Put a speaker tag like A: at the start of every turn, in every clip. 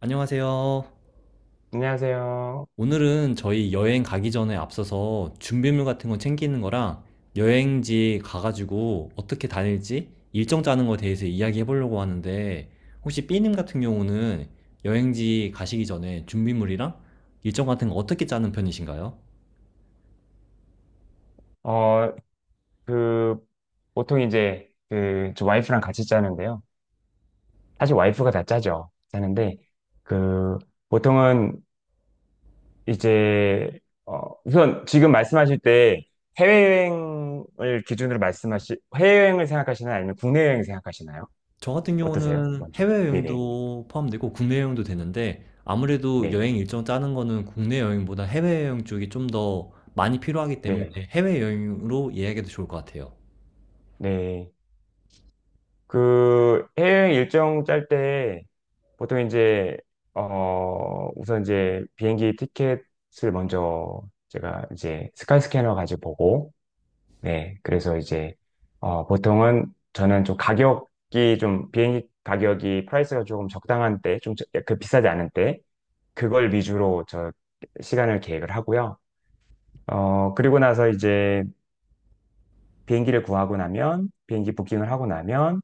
A: 안녕하세요.
B: 안녕하세요.
A: 오늘은 저희 여행 가기 전에 앞서서 준비물 같은 거 챙기는 거랑 여행지 가가지고 어떻게 다닐지 일정 짜는 거에 대해서 이야기해 보려고 하는데, 혹시 B님 같은 경우는 여행지 가시기 전에 준비물이랑 일정 같은 거 어떻게 짜는 편이신가요?
B: 어, 그, 보통 이제, 저 와이프랑 같이 짜는데요. 사실 와이프가 다 짜죠. 짜는데, 그, 보통은 이제, 우선 지금 말씀하실 때 해외여행을 기준으로 해외여행을 생각하시나요? 아니면 국내 여행 생각하시나요?
A: 저 같은
B: 어떠세요?
A: 경우는
B: 먼저. 네네.
A: 해외여행도 포함되고 국내 여행도 되는데, 아무래도
B: 네.
A: 여행 일정 짜는 거는 국내 여행보다 해외여행 쪽이 좀 더 많이 필요하기 때문에
B: 네.
A: 해외여행으로 예약해도 좋을 것 같아요.
B: 네. 그 해외여행 일정 짤 때 보통 이제 우선 이제 비행기 티켓을 먼저 제가 이제 스카이스캐너 가지고 보고 네, 그래서 이제 보통은 저는 좀 가격이 좀 비행기 가격이 프라이스가 조금 적당한 때 좀 그 비싸지 않은 때 그걸 위주로 시간을 계획을 하고요. 그리고 나서 이제 비행기 부킹을 하고 나면,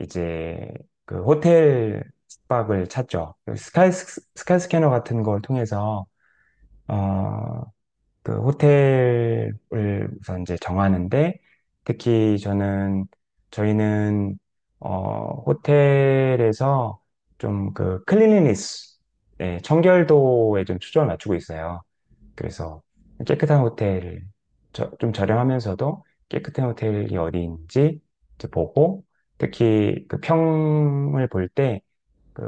B: 이제 그 호텔 숙박을 찾죠. 스카이 스캐너 같은 걸 통해서 어, 그 호텔을 우선 이제 정하는데 특히 저는 저희는 호텔에서 좀 그 클린리니스, 네, 청결도에 좀 초점을 맞추고 있어요. 그래서 깨끗한 호텔, 좀 저렴하면서도 깨끗한 호텔이 어디인지 이제 보고, 특히 그 평을 볼 때, 그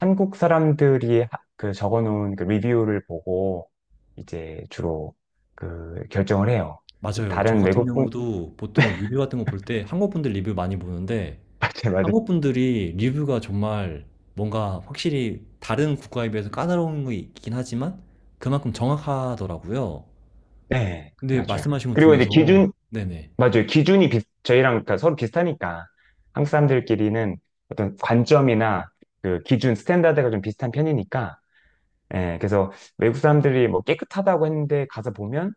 B: 한국 사람들이 그 적어놓은 그 리뷰를 보고 이제 주로 그 결정을 해요.
A: 맞아요. 저
B: 다른
A: 같은
B: 외국 분,
A: 경우도 보통 리뷰 같은 거 볼 때 한국 분들 리뷰 많이 보는데,
B: 맞아요, 맞아요.
A: 한국 분들이 리뷰가 정말 뭔가 확실히 다른 국가에 비해서 까다로운 거 있긴 하지만 그만큼 정확하더라고요.
B: 네,
A: 근데
B: 맞아요.
A: 말씀하신 것
B: 그리고 이제
A: 중에서, 네네.
B: 맞아요. 기준이 저희랑 그러니까 서로 비슷하니까 한국 사람들끼리는 어떤 관점이나 그 기준, 스탠다드가 좀 비슷한 편이니까 예, 그래서 외국 사람들이 뭐 깨끗하다고 했는데 가서 보면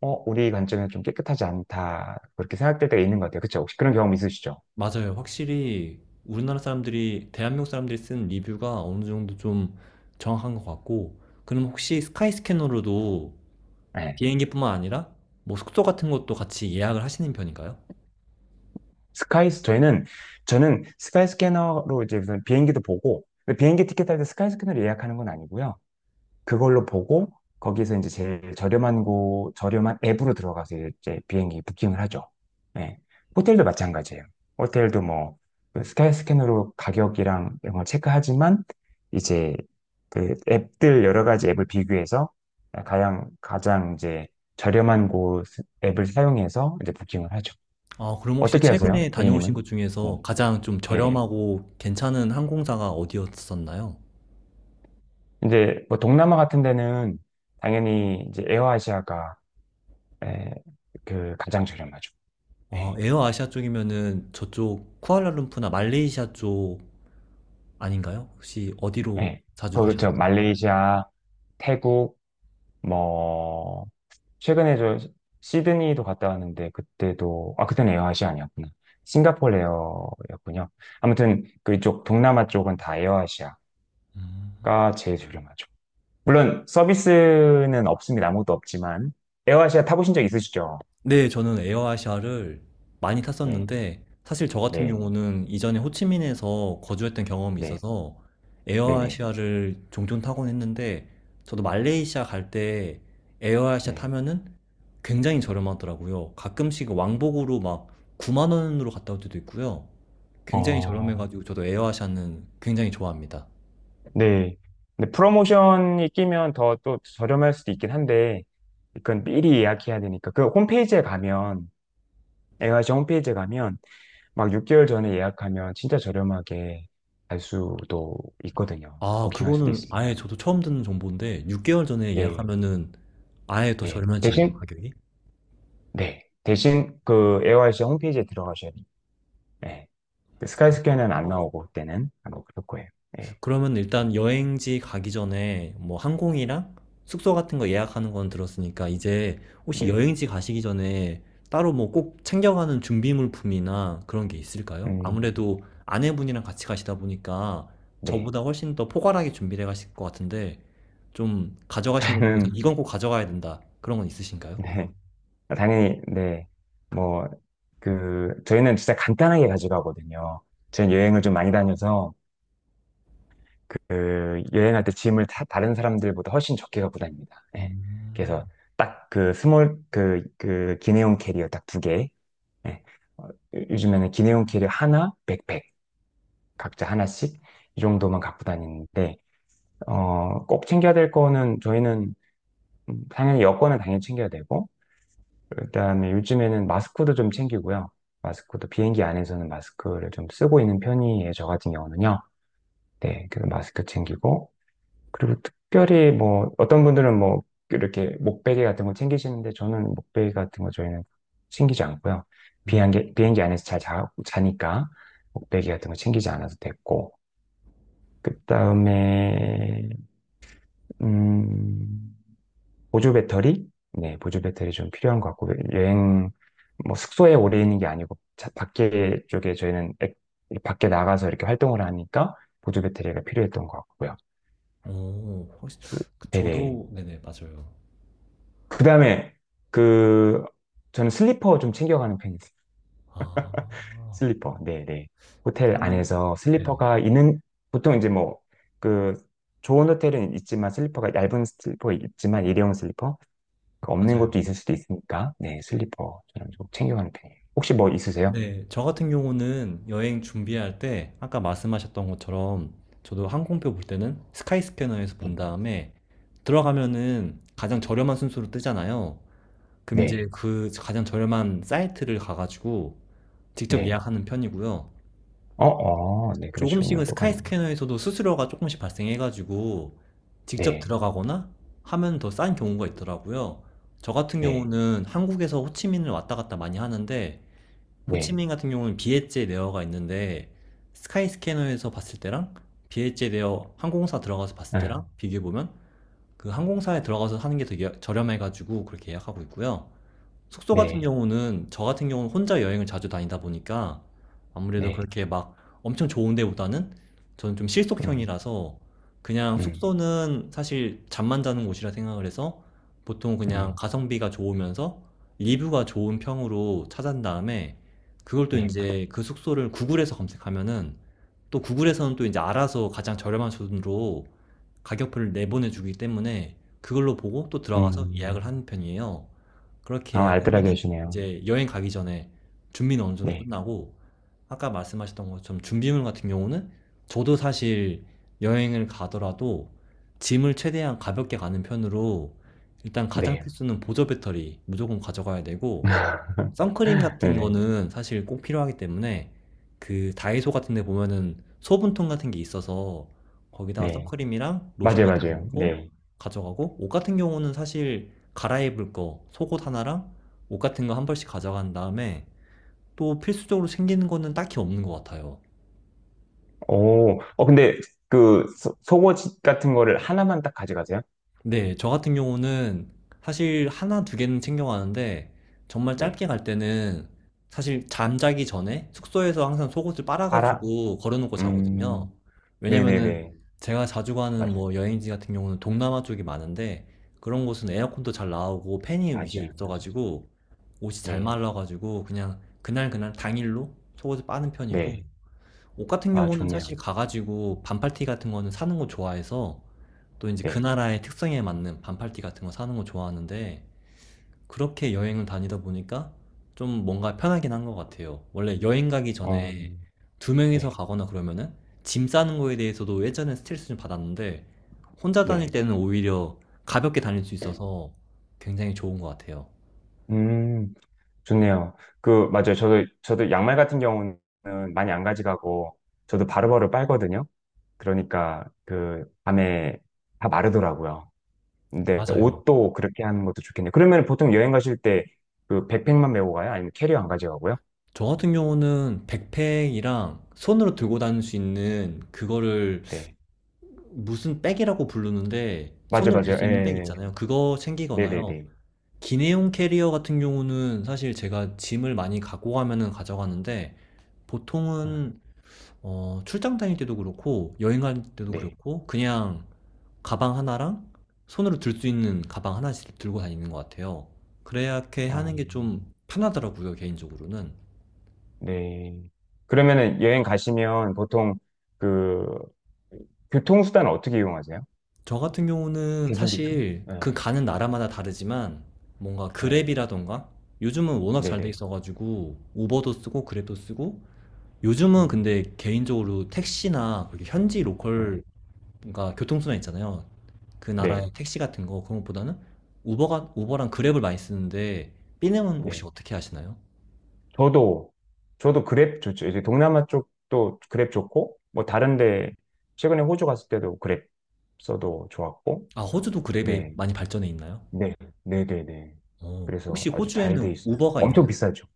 B: 우리 관점에서 좀 깨끗하지 않다. 그렇게 생각될 때가 있는 것 같아요. 그렇죠? 혹시 그런 경험 있으시죠?
A: 맞아요. 확실히 우리나라 사람들이, 대한민국 사람들이 쓴 리뷰가 어느 정도 좀 정확한 것 같고. 그럼 혹시 스카이 스캐너로도
B: 예.
A: 비행기뿐만 아니라 뭐 숙소 같은 것도 같이 예약을 하시는 편인가요?
B: 스카이스 저희는 저는 스카이 스캐너로 이제 무슨 비행기도 보고 근데 비행기 티켓 할 때 스카이 스캐너로 예약하는 건 아니고요. 그걸로 보고 거기서 이제 제일 저렴한 곳, 저렴한 앱으로 들어가서 이제 비행기 부킹을 하죠. 네. 호텔도 마찬가지예요. 호텔도 뭐그 스카이 스캐너로 가격이랑 이런 걸 체크하지만 이제 그 앱들 여러 가지 앱을 비교해서 가장 이제 저렴한 곳 앱을 사용해서 이제 부킹을 하죠.
A: 아, 그럼 혹시
B: 어떻게 하세요?
A: 최근에 다녀오신 곳
B: A님은? 네.
A: 중에서 가장 좀
B: 네네.
A: 저렴하고 괜찮은 항공사가 어디였었나요?
B: 이제 뭐 동남아 같은 데는 당연히 이제 에어아시아가 예, 그 가장 저렴하죠.
A: 아,
B: 예,
A: 에어아시아 쪽이면은 저쪽 쿠알라룸푸나 말레이시아 쪽 아닌가요? 혹시 어디로
B: 예.
A: 자주
B: 그저
A: 가셨나요?
B: 말레이시아, 태국, 뭐 최근에 시드니도 갔다 왔는데 그때도 아 그때는 에어아시아 아니었구나. 싱가포르 에어였군요. 아무튼 그쪽 동남아 쪽은 다 에어아시아가
A: 음.
B: 제일 저렴하죠. 물론 서비스는 없습니다. 아무것도 없지만 에어아시아 타보신 적 있으시죠?
A: 네, 저는 에어아시아를 많이
B: 네,
A: 탔었는데, 사실 저 같은
B: 네,
A: 경우는 이전에 호치민에서 거주했던 경험이
B: 네,
A: 있어서
B: 네, 네,
A: 에어아시아를 종종 타곤 했는데, 저도 말레이시아 갈 때 에어아시아
B: 네.
A: 타면은 굉장히 저렴하더라고요. 가끔씩 왕복으로 막 9만 원으로 갔다 올 때도 있고요. 굉장히
B: 어,
A: 저렴해가지고 저도 에어아시아는 굉장히 좋아합니다.
B: 네. 근데 프로모션이 끼면 더 또 저렴할 수도 있긴 한데, 그건 미리 예약해야 되니까. A y 시 홈페이지에 가면, 막 6개월 전에 예약하면 진짜 저렴하게 갈 수도 있거든요.
A: 아,
B: 부킹할 수도
A: 그거는 아예
B: 있습니다.
A: 저도 처음 듣는 정보인데, 6개월 전에
B: 네.
A: 예약하면은 아예 더
B: 네.
A: 저렴해지나요,
B: 대신,
A: 가격이?
B: 네. 대신 그 a y 시 홈페이지에 들어가셔야 돼요. 네. 그 스카이스어는안 나오고, 그때는. 아마 그럴 거예요. 네.
A: 그러면 일단 여행지 가기 전에 뭐 항공이랑 숙소 같은 거 예약하는 건 들었으니까, 이제 혹시
B: 네.
A: 여행지 가시기 전에 따로 뭐 꼭 챙겨가는 준비물품이나 그런 게 있을까요?
B: 음,
A: 아무래도 아내분이랑 같이 가시다 보니까
B: 네.
A: 저보다 훨씬 더 포괄하게 준비를 해 가실 것 같은데, 좀 가져가시는 것 중에서
B: 저는,
A: 이건 꼭 가져가야 된다, 그런 건 있으신가요?
B: 네. 아, 당연히, 네. 뭐, 저희는 진짜 간단하게 가져가거든요. 저희는 여행을 좀 많이 다녀서, 여행할 때 짐을 다른 사람들보다 훨씬 적게 갖고 다닙니다. 예.
A: 음.
B: 그래서 딱 기내용 캐리어 딱 두 개. 예. 어, 요- 요즘에는 기내용 캐리어 하나, 백팩, 각자 하나씩, 이 정도만 갖고 다니는데, 꼭 챙겨야 될 거는 저희는 당연히 여권은 당연히 챙겨야 되고, 그다음에 요즘에는 마스크도 좀 챙기고요. 마스크도 비행기 안에서는 마스크를 좀 쓰고 있는 편이에요. 저 같은 경우는요. 네, 그 마스크 챙기고 그리고 특별히 뭐 어떤 분들은 뭐 이렇게 목베개 같은 거 챙기시는데 저는 목베개 같은 거 저희는 챙기지 않고요.
A: 음.
B: 비행기 안에서 잘 자니까 목베개 같은 거 챙기지 않아도 됐고 그다음에 음 보조 배터리? 네, 보조 배터리 좀 필요한 것 같고, 뭐 숙소에 오래 있는 게 아니고, 자- 밖에 쪽에 저희는 액- 밖에 나가서 이렇게 활동을 하니까 보조 배터리가 필요했던 것 같고요.
A: 오, 혹시 그
B: 네네.
A: 저도. 네네, 맞아요.
B: 그 다음에, 그, 저는 슬리퍼 좀 챙겨가는 편이에요.
A: 아.
B: 슬리퍼, 네네. 호텔
A: 그렇다면,
B: 안에서
A: 네,
B: 슬리퍼가 있는, 보통 이제 뭐, 그, 좋은 호텔은 있지만 슬리퍼가 얇은 슬리퍼 있지만 일회용 슬리퍼 그 없는
A: 맞아요.
B: 것도 있을 수도 있으니까, 네, 슬리퍼 저는 좀 챙겨가는 편이에요. 혹시 뭐 있으세요?
A: 네. 저 같은 경우는 여행 준비할 때 아까 말씀하셨던 것처럼 저도 항공표 볼 때는 스카이스캐너에서 본
B: 네,
A: 다음에 들어가면은 가장 저렴한 순서로 뜨잖아요. 그럼
B: 네,
A: 이제 그 가장 저렴한 사이트를 가가지고 직접
B: 네.
A: 예약하는 편이고요.
B: 네, 그러시군요.
A: 조금씩은
B: 똑같네요.
A: 스카이스캐너에서도 수수료가 조금씩 발생해가지고 직접
B: 네,
A: 들어가거나 하면 더 싼 경우가 있더라고요. 저 같은
B: 네,
A: 경우는 한국에서 호치민을 왔다 갔다 많이 하는데,
B: 네,
A: 호치민 같은 경우는 비엣제 레어가 있는데, 스카이스캐너에서 봤을 때랑 비엣제 레어 항공사 들어가서 봤을
B: 아,
A: 때랑 비교해보면 그 항공사에 들어가서 하는 게 되게 저렴해가지고 그렇게 예약하고 있고요. 숙소 같은
B: 네,
A: 경우는, 저 같은 경우는 혼자 여행을 자주 다니다 보니까 아무래도
B: 네,
A: 그렇게 막 엄청 좋은 데보다는, 저는 좀
B: 음,
A: 실속형이라서 그냥
B: 음,
A: 숙소는 사실 잠만 자는 곳이라 생각을 해서 보통 그냥
B: 음,
A: 가성비가 좋으면서 리뷰가 좋은 평으로 찾은 다음에 그걸 또
B: 네,
A: 이제 그 숙소를 구글에서 검색하면은 또 구글에서는 또 이제 알아서 가장 저렴한 돈으로 가격표를 내보내주기 때문에 그걸로 보고 또 들어가서 예약을
B: 음,
A: 하는 편이에요. 그렇게
B: 아,
A: 예약을
B: 알뜰하게
A: 하면은
B: 하시네요.
A: 이제 여행 가기 전에 준비는 어느 정도
B: 네,
A: 끝나고, 아까 말씀하셨던 것처럼 준비물 같은 경우는 저도 사실 여행을 가더라도 짐을 최대한 가볍게 가는 편으로, 일단 가장
B: 네.
A: 필수는 보조 배터리 무조건 가져가야 되고, 선크림 같은
B: 네네.
A: 거는 사실 꼭 필요하기 때문에 그 다이소 같은 데 보면은 소분통 같은 게 있어서 거기다가
B: 네.
A: 선크림이랑 로션
B: 맞아요,
A: 같은 거
B: 맞아요.
A: 넣고
B: 네.
A: 가져가고, 옷 같은 경우는 사실 갈아입을 거 속옷 하나랑 옷 같은 거 한 벌씩 가져간 다음에 또 필수적으로 챙기는 거는 딱히 없는 것 같아요.
B: 오, 근데 속옷 같은 거를 하나만 딱 가져가세요?
A: 네, 저 같은 경우는 사실 하나, 두 개는 챙겨가는데 정말
B: 네.
A: 짧게 갈 때는 사실 잠자기 전에 숙소에서 항상 속옷을
B: 알아?
A: 빨아가지고 걸어놓고 자거든요.
B: 음,
A: 왜냐면은
B: 네네네.
A: 제가 자주 가는
B: 맞아요.
A: 뭐 여행지 같은 경우는 동남아 쪽이 많은데, 그런 곳은 에어컨도 잘 나오고 팬이 위에
B: 맞아요, 맞아요.
A: 있어가지고 옷이 잘
B: 네,
A: 말라가지고 그냥 그날 그날 당일로 속옷을 빠는 편이고,
B: 네.
A: 옷 같은
B: 아,
A: 경우는 사실
B: 좋네요.
A: 가가지고 반팔티 같은 거는 사는 거 좋아해서 또 이제 그
B: 네.
A: 나라의 특성에 맞는 반팔티 같은 거 사는 거 좋아하는데, 그렇게 여행을 다니다 보니까 좀 뭔가 편하긴 한 것 같아요. 원래 여행 가기
B: 어,
A: 전에 두 명이서
B: 네,
A: 가거나 그러면은 짐 싸는 거에 대해서도 예전에 스트레스 좀 받았는데 혼자 다닐
B: 네.
A: 때는 오히려 가볍게 다닐 수 있어서 굉장히 좋은 것 같아요.
B: 음, 좋네요. 맞아요. 저도 양말 같은 경우는 많이 안 가져가고, 저도 바로바로 빨거든요. 그러니까, 밤에 다 마르더라고요. 근데
A: 맞아요.
B: 옷도 그렇게 하는 것도 좋겠네요. 그러면 보통 여행 가실 때, 백팩만 메고 가요? 아니면 캐리어 안 가져가고요?
A: 저 같은 경우는 백팩이랑 손으로 들고 다닐 수 있는 그거를
B: 네.
A: 무슨 백이라고 부르는데,
B: 맞아요,
A: 손으로 들
B: 맞아요.
A: 수 있는 백
B: 예,
A: 있잖아요. 그거
B: 네, 네,
A: 챙기거나요.
B: 네.
A: 기내용 캐리어 같은 경우는 사실 제가 짐을 많이 갖고 가면은 가져가는데,
B: 아,
A: 보통은 출장 다닐 때도 그렇고 여행 갈 때도
B: 네.
A: 그렇고 그냥 가방 하나랑 손으로 들 수 있는 가방 하나씩 들고 다니는 것 같아요. 그래야 이렇게
B: 어,
A: 하는 게 좀 편하더라고요, 개인적으로는.
B: 네. 그러면은 여행 가시면 보통 그 교통수단 어떻게 이용하세요?
A: 저 같은 경우는
B: 대중교통?
A: 사실
B: 네.
A: 그 가는 나라마다 다르지만 뭔가
B: 네.
A: 그랩이라던가, 요즘은 워낙 잘 돼
B: 네네.
A: 있어가지고 우버도 쓰고 그랩도 쓰고. 요즘은
B: 음,
A: 근데 개인적으로 택시나 그렇게 현지
B: 네.
A: 로컬, 그러니까 교통수단 있잖아요. 그 나라의
B: 네.
A: 택시 같은 거, 그런 것보다는 우버가 우버랑 그랩을 많이 쓰는데, 삐님은 혹시
B: 네.
A: 어떻게 하시나요?
B: 저도, 저도 그랩 좋죠. 이제 동남아 쪽도 그랩 좋고, 뭐 다른데, 최근에 호주 갔을 때도 그랩 써도 좋았고,
A: 아, 호주도 그랩이
B: 네.
A: 많이 발전해 있나요?
B: 네. 네네네.
A: 어, 혹시
B: 그래서 아주 잘 돼
A: 호주에는
B: 있어요.
A: 우버가
B: 엄청
A: 있나요?
B: 비싸죠.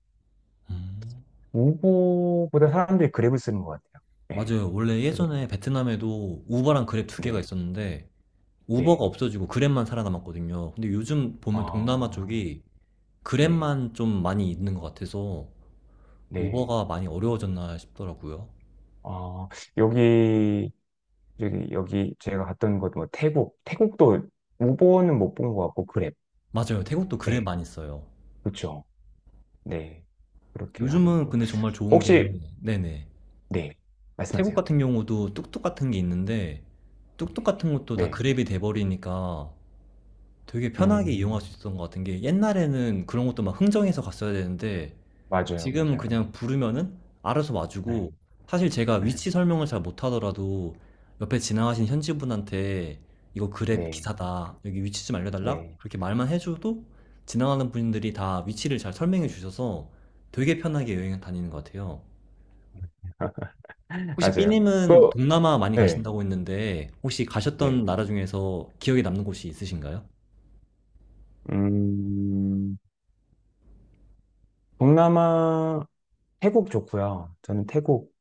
A: 음,
B: 우버보다 사람들이 그랩을 쓰는 것 같아요. 네.
A: 맞아요. 원래
B: 그래서,
A: 예전에 베트남에도 우버랑 그랩 두 개가
B: 네.
A: 있었는데
B: 네.
A: 우버가 없어지고 그랩만 살아남았거든요. 근데 요즘 보면 동남아
B: 아,
A: 쪽이
B: 네,
A: 그랩만 좀 많이 있는 것 같아서
B: 네.
A: 우버가 많이 어려워졌나 싶더라고요.
B: 아, 여기, 여기 제가 갔던 곳, 뭐, 태국. 태국도 우버는 못 본 것 같고, 그랩.
A: 맞아요. 태국도 그랩
B: 네,
A: 많이 써요.
B: 그렇죠. 네. 그렇게 하고
A: 요즘은
B: 있고요.
A: 근데 정말 좋은 게,
B: 혹시,
A: 네네.
B: 네,
A: 태국
B: 말씀하세요.
A: 같은 경우도 뚝뚝 같은 게 있는데, 뚝뚝 같은 것도 다
B: 네.
A: 그랩이 돼버리니까 되게 편하게 이용할
B: 음,
A: 수 있었던 것 같은 게, 옛날에는 그런 것도 막 흥정해서 갔어야 되는데,
B: 맞아요,
A: 지금
B: 맞아요.
A: 그냥 부르면은 알아서
B: 네,
A: 와주고, 사실 제가
B: 네,
A: 위치 설명을 잘 못하더라도 옆에 지나가신 현지 분한테 이거 그랩
B: 네.
A: 기사다, 여기 위치 좀 알려달라,
B: 네.
A: 그렇게 말만 해줘도 지나가는 분들이 다 위치를 잘 설명해 주셔서 되게 편하게 여행 다니는 것 같아요. 혹시
B: 맞아요. 그,
A: 삐님은 동남아 많이
B: 네,
A: 가신다고 했는데 혹시
B: 네.
A: 가셨던 나라 중에서 기억에 남는 곳이 있으신가요?
B: 음, 동남아, 태국 좋고요. 저는 태국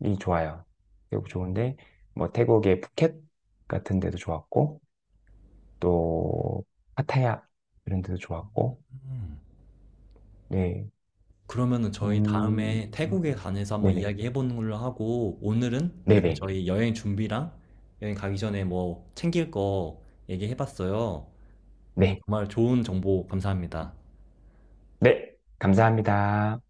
B: 이 좋아요. 태국 좋은데 뭐 태국의 푸켓 같은 데도 좋았고 또 파타야 이런 데도 좋았고
A: 음.
B: 네.
A: 그러면은 저희 다음에
B: 음.
A: 태국에 관해서 한번
B: 네네.
A: 이야기해 보는 걸로 하고, 오늘은 이렇게
B: 네네.
A: 저희 여행 준비랑 여행 가기 전에 뭐 챙길 거 얘기해 봤어요. 오늘
B: 네.
A: 정말 좋은 정보 감사합니다.
B: 네. 감사합니다.